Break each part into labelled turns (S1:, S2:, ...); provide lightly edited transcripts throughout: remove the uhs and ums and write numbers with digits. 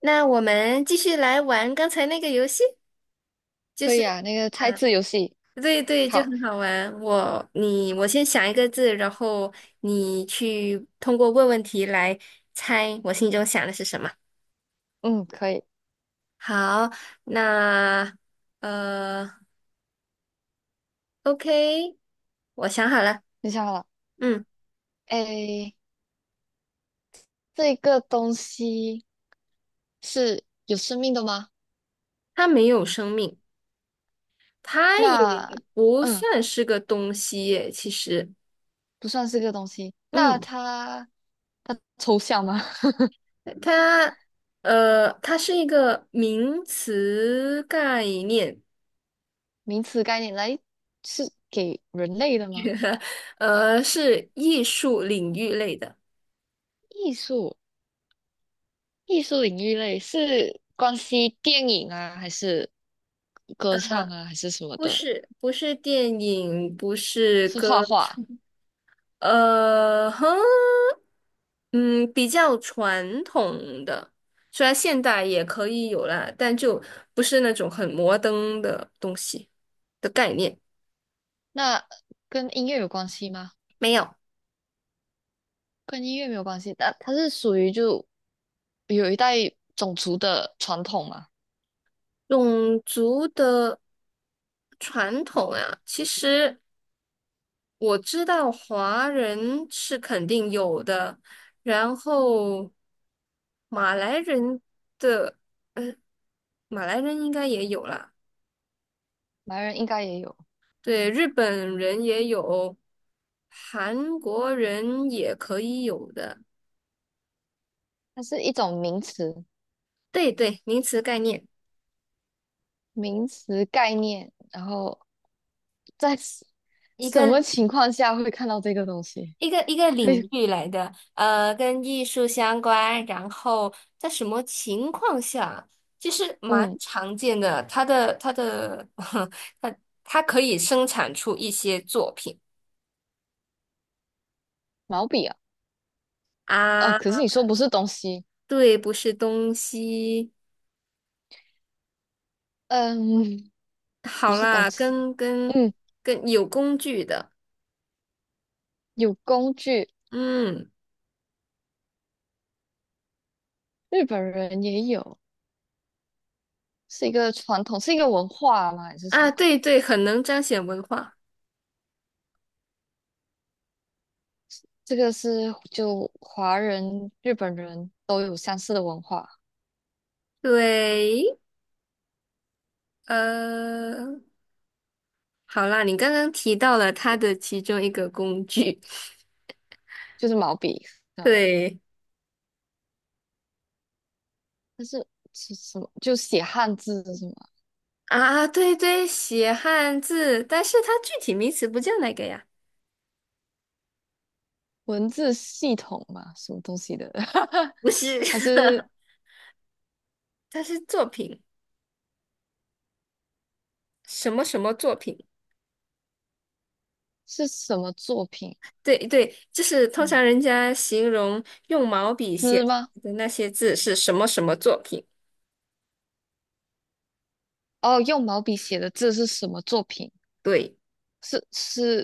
S1: 那我们继续来玩刚才那个游戏，就
S2: 可
S1: 是
S2: 以啊，那个猜
S1: 啊，
S2: 字游戏，
S1: 对对，就
S2: 好，
S1: 很好玩。我先想一个字，然后你去通过问问题来猜我心中想的是什么。
S2: 嗯，可以，
S1: 好，那呃，OK，我想好了。
S2: 你想好了？
S1: 嗯，
S2: 诶，这个东西是有生命的吗？
S1: 它没有生命，它
S2: 那，
S1: 也不
S2: 嗯，
S1: 算是个东西耶其实，
S2: 不算是个东西。那
S1: 嗯。
S2: 它抽象吗？
S1: 它它是一个名词概念，
S2: 名词概念来是给人类的吗？
S1: 是艺术领域类的，
S2: 艺术，艺术领域类是关系电影啊，还是歌唱啊，还是什么
S1: 不
S2: 的？
S1: 是不是电影，不是
S2: 是
S1: 歌
S2: 画画？
S1: 唱呃，哼，嗯，比较传统的，虽然现代也可以有啦，但就不是那种很摩登的东西的概念，
S2: 那跟音乐有关系吗？
S1: 没有。
S2: 跟音乐没有关系，但它是属于就有一代种族的传统嘛，
S1: 种族的传统啊，其实。我知道华人是肯定有的，然后马来人的，呃，马来人应该也有啦，
S2: 白人应该也有，
S1: 对，日本人也有，韩国人也可以有的，
S2: 它是一种名词，
S1: 对对，名词概念，
S2: 名词概念，然后在什
S1: 一
S2: 什么
S1: 个
S2: 情况下会看到这个东西？
S1: 一个领
S2: 嘿，
S1: 域来的，跟艺术相关，然后在什么情况下，其实蛮
S2: 嗯，
S1: 常见的。它的它的 它它可以生产出一些作品
S2: 毛笔啊，啊，
S1: 啊，
S2: 可是你说不是东西，
S1: 对，不是东西。
S2: 嗯，不
S1: 好
S2: 是东
S1: 啦，
S2: 西，
S1: 跟跟
S2: 嗯，
S1: 跟有工具的，
S2: 有工具，
S1: 嗯
S2: 日本人也有，是一个传统，是一个文化吗？还是什
S1: 啊，
S2: 么？
S1: 对对，很能彰显文化。
S2: 这个是就华人、日本人都有相似的文化，
S1: 对，呃，好啦，你刚刚提到了它的其中一个工具，
S2: 就是毛笔，啊。
S1: 对。
S2: 但是是什么？就写汉字什么
S1: 啊，对对，写汉字，但是它具体名词不叫那个呀，
S2: 文字系统嘛，什么东西的？
S1: 不是，
S2: 还是
S1: 它是作品，什么什么作品？
S2: 是什么作品？
S1: 对对，就是通
S2: 嗯，
S1: 常人家形容用毛笔写
S2: 诗吗？
S1: 的那些字是什么什么作品？
S2: 哦，用毛笔写的字是什么作品？
S1: 对，
S2: 是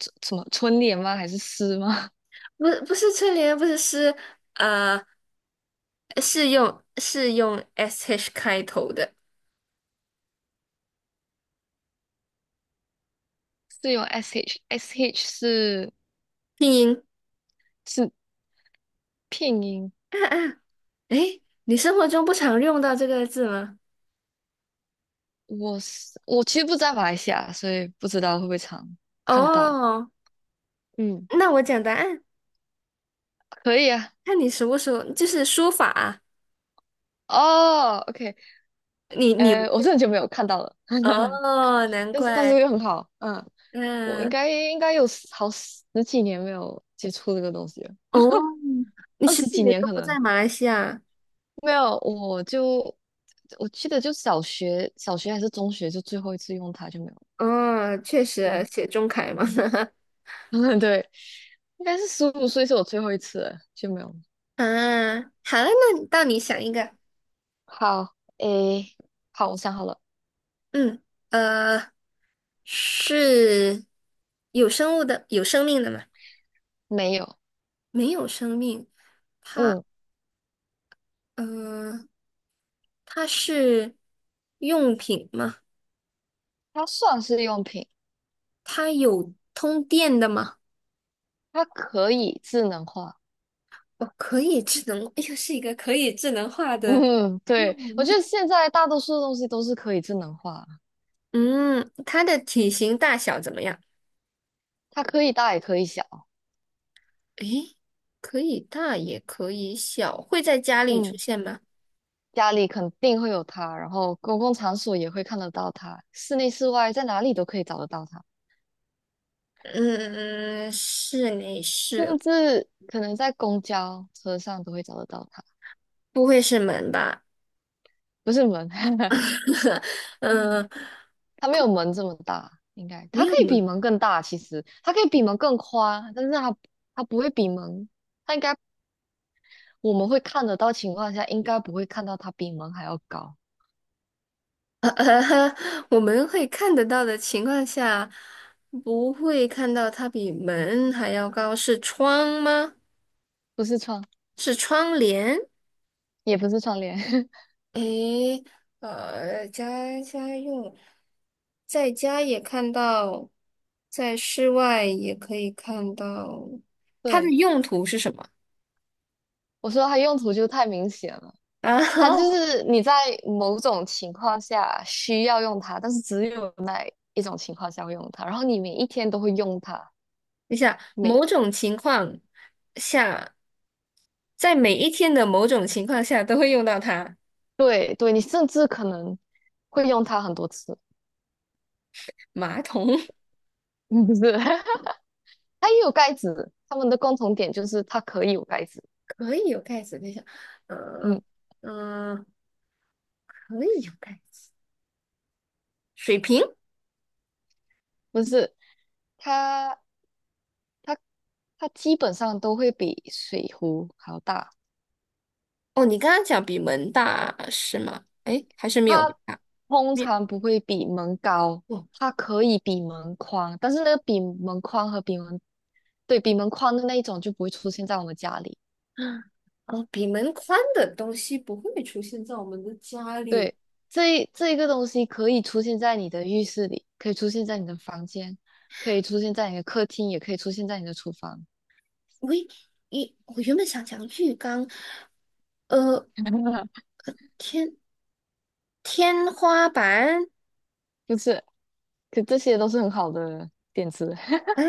S2: 什么春联吗？还是诗吗？
S1: 不是春联，不是诗，呃，是用 sh 开头的
S2: 是用 sh 是
S1: 拼音。
S2: 是拼音，
S1: 啊啊，诶，你生活中不常用到这个字吗？
S2: 我其实不在马来西亚，所以不知道会不会常看到。
S1: 哦，
S2: 嗯，
S1: 那我讲答案。
S2: 可以啊，
S1: 看你熟不熟，就是书法啊
S2: 哦，OK，
S1: 你有
S2: 我是很久没有看到了，
S1: 哦，难
S2: 但是但
S1: 怪，
S2: 是又很好，嗯，我应
S1: 嗯，
S2: 该应该有十几年没有接触这个东西了，
S1: 哦，你
S2: 二
S1: 实
S2: 十
S1: 体
S2: 几
S1: 的
S2: 年
S1: 都
S2: 可
S1: 不在
S2: 能
S1: 马来西亚，
S2: 没有，我记得就小学还是中学就最后一次用它就没有了。
S1: 哦，确实
S2: 嗯
S1: 写中楷嘛，
S2: 嗯，对，应该是15岁是我最后一次了就没有了。
S1: 啊，好了，那到你想一个，
S2: 好，诶，好，我想好了，
S1: 嗯，呃，是有生物的，有生命的吗？
S2: 没有。
S1: 没有生命，它，
S2: 嗯，
S1: 嗯、它是用品吗？
S2: 它算是用品，
S1: 它有通电的吗？
S2: 它可以智能化。
S1: 哦，可以智能，又是一个可以智能化的
S2: 嗯，
S1: 用
S2: 对，我觉得
S1: 品
S2: 现在大多数的东西都是可以智能化，
S1: 嗯，它的体型大小怎么样？
S2: 它可以大也可以小。
S1: 诶，可以大也可以小，会在家里出
S2: 嗯，
S1: 现吗？
S2: 家里肯定会有它，然后公共场所也会看得到它，室内室外在哪里都可以找得到它，
S1: 嗯，室内是，
S2: 甚至可能在公交车上都会找得到它。
S1: 不会是门吧？
S2: 不是门，
S1: 嗯，
S2: 它没有门这么大，应该
S1: 没
S2: 它可
S1: 有
S2: 以比
S1: 门。
S2: 门更大，其实它可以比门更宽，但是它不会比门。它应该我们会看得到情况下，应该不会看到它比门还要高，
S1: 我们会看得到的情况下，不会看到它比门还要高，是窗吗？
S2: 不是窗，
S1: 是窗帘？
S2: 也不是窗帘。
S1: 诶，家家用，在家也看到，在室外也可以看到，它的
S2: 对，
S1: 用途是什么？
S2: 我说它用途就太明显了，
S1: 啊，
S2: 它就 是你在某种情况下需要用它，但是只有那一种情况下会用它，然后你每一天都会用它，
S1: 等一下，
S2: 每
S1: 某
S2: 一
S1: 种情况下，在每一天的某种情况下都会用到它。
S2: 对对，你甚至可能会用它很多次。
S1: 马桶
S2: 嗯，不是，它也有盖子，它们的共同点就是它可以有盖子。
S1: 可以有盖子，等一下，嗯
S2: 嗯，
S1: 嗯，可以有盖子。水瓶？
S2: 不是，它它。它基本上都会比水壶还要大，
S1: 哦，你刚刚讲比门大是吗？诶，还是没有门
S2: 它
S1: 大？
S2: 通
S1: 没有。
S2: 常不会比门高，
S1: 哦
S2: 它可以比门宽，但是那个比门宽和比门，对，比门宽的那一种就不会出现在我们家里。
S1: 哦，比门宽的东西不会出现在我们的家里。
S2: 对，这一个东西可以出现在你的浴室里，可以出现在你的房间，可以出现在你的客厅，也可以出现在你的厨房，
S1: 喂，我原本想讲浴缸，呃，天天花板，
S2: 就是，可这些都是很好的点子，
S1: 啊，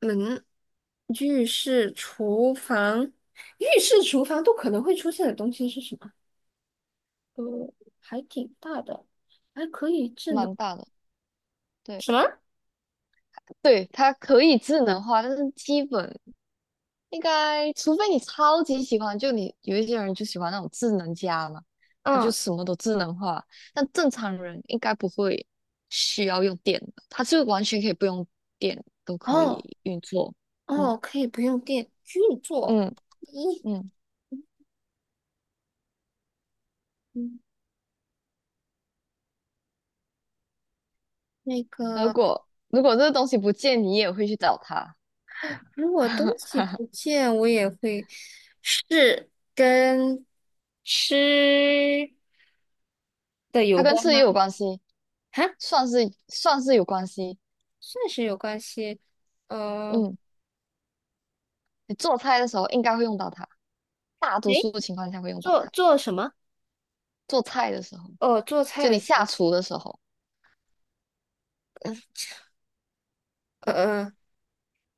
S1: 门，浴室、厨房，浴室、厨房，都可能会出现的东西是什么？呃，还挺大的，还可以智能
S2: 蛮大的。对
S1: 什么？
S2: 对，它可以智能化，但是基本。应该，除非你超级喜欢，就你有一些人就喜欢那种智能家嘛，他就
S1: 嗯，
S2: 什么都智能化。但正常人应该不会需要用电的，他是完全可以不用电都可
S1: 哦
S2: 以运作。嗯
S1: 哦，可以不用电，运作
S2: 嗯
S1: 一，
S2: 嗯，
S1: 嗯，那
S2: 如
S1: 个。
S2: 果如果这个东西不见，你也会去找他，
S1: 如果东西 不见，我也会是跟吃的
S2: 它
S1: 有
S2: 跟
S1: 关
S2: 吃也
S1: 吗？
S2: 有关系，
S1: 哈，
S2: 算是有关系。
S1: 算是有关系。呃，
S2: 嗯，你做菜的时候应该会用到它，大多
S1: 诶，
S2: 数情况下会用到
S1: 做
S2: 它。
S1: 做什么？
S2: 做菜的时候，
S1: 哦，做菜
S2: 就你
S1: 的时
S2: 下
S1: 候，
S2: 厨的时候。
S1: 呃呃，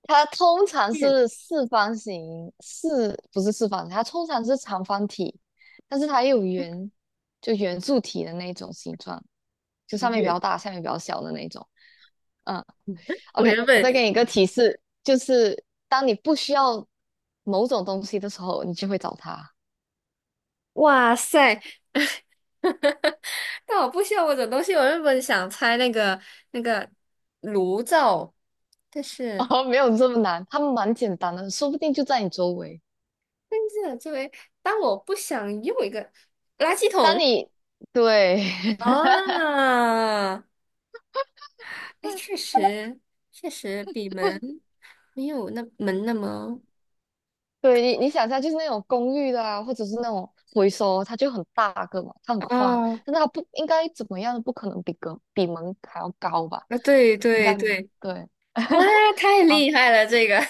S2: 它通常
S1: 面
S2: 是四方形，不是四方形，它通常是长方体，但是它也有圆，就圆柱体的那种形状，就上面比较
S1: 鱼。
S2: 大，下面比较小的那种。嗯
S1: 我
S2: ，OK,
S1: 原
S2: 我
S1: 本
S2: 再给你一个提示，就是当你不需要某种东西的时候，你就会找它。
S1: 哇塞，但我不需要我种东西，我原本想猜那个炉灶，但 是
S2: 哦，没有这么难，它们蛮简单的，说不定就在你周围。
S1: 但是作为当我不想用一个垃圾
S2: 当
S1: 桶，
S2: 你对，
S1: 啊，哎，确 实，确实比门没有那门那么
S2: 对你想一下，就是那种公寓的啊，或者是那种回收，它就很大个嘛，它很宽，
S1: 啊
S2: 但是它不应该怎么样，不可能比门还要高吧？
S1: 啊，对
S2: 应
S1: 对
S2: 该没有。
S1: 对，
S2: 对，
S1: 哇，太
S2: 好，
S1: 厉害了，这个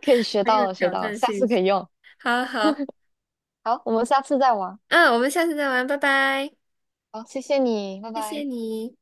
S2: 可以 学
S1: 很有
S2: 到了，学
S1: 挑
S2: 到了，
S1: 战
S2: 下
S1: 性。
S2: 次可以用。
S1: 好好，
S2: 好，我们下次再玩。
S1: 嗯，我们下次再玩，拜拜，
S2: 好，谢谢你，拜
S1: 谢谢
S2: 拜。
S1: 你。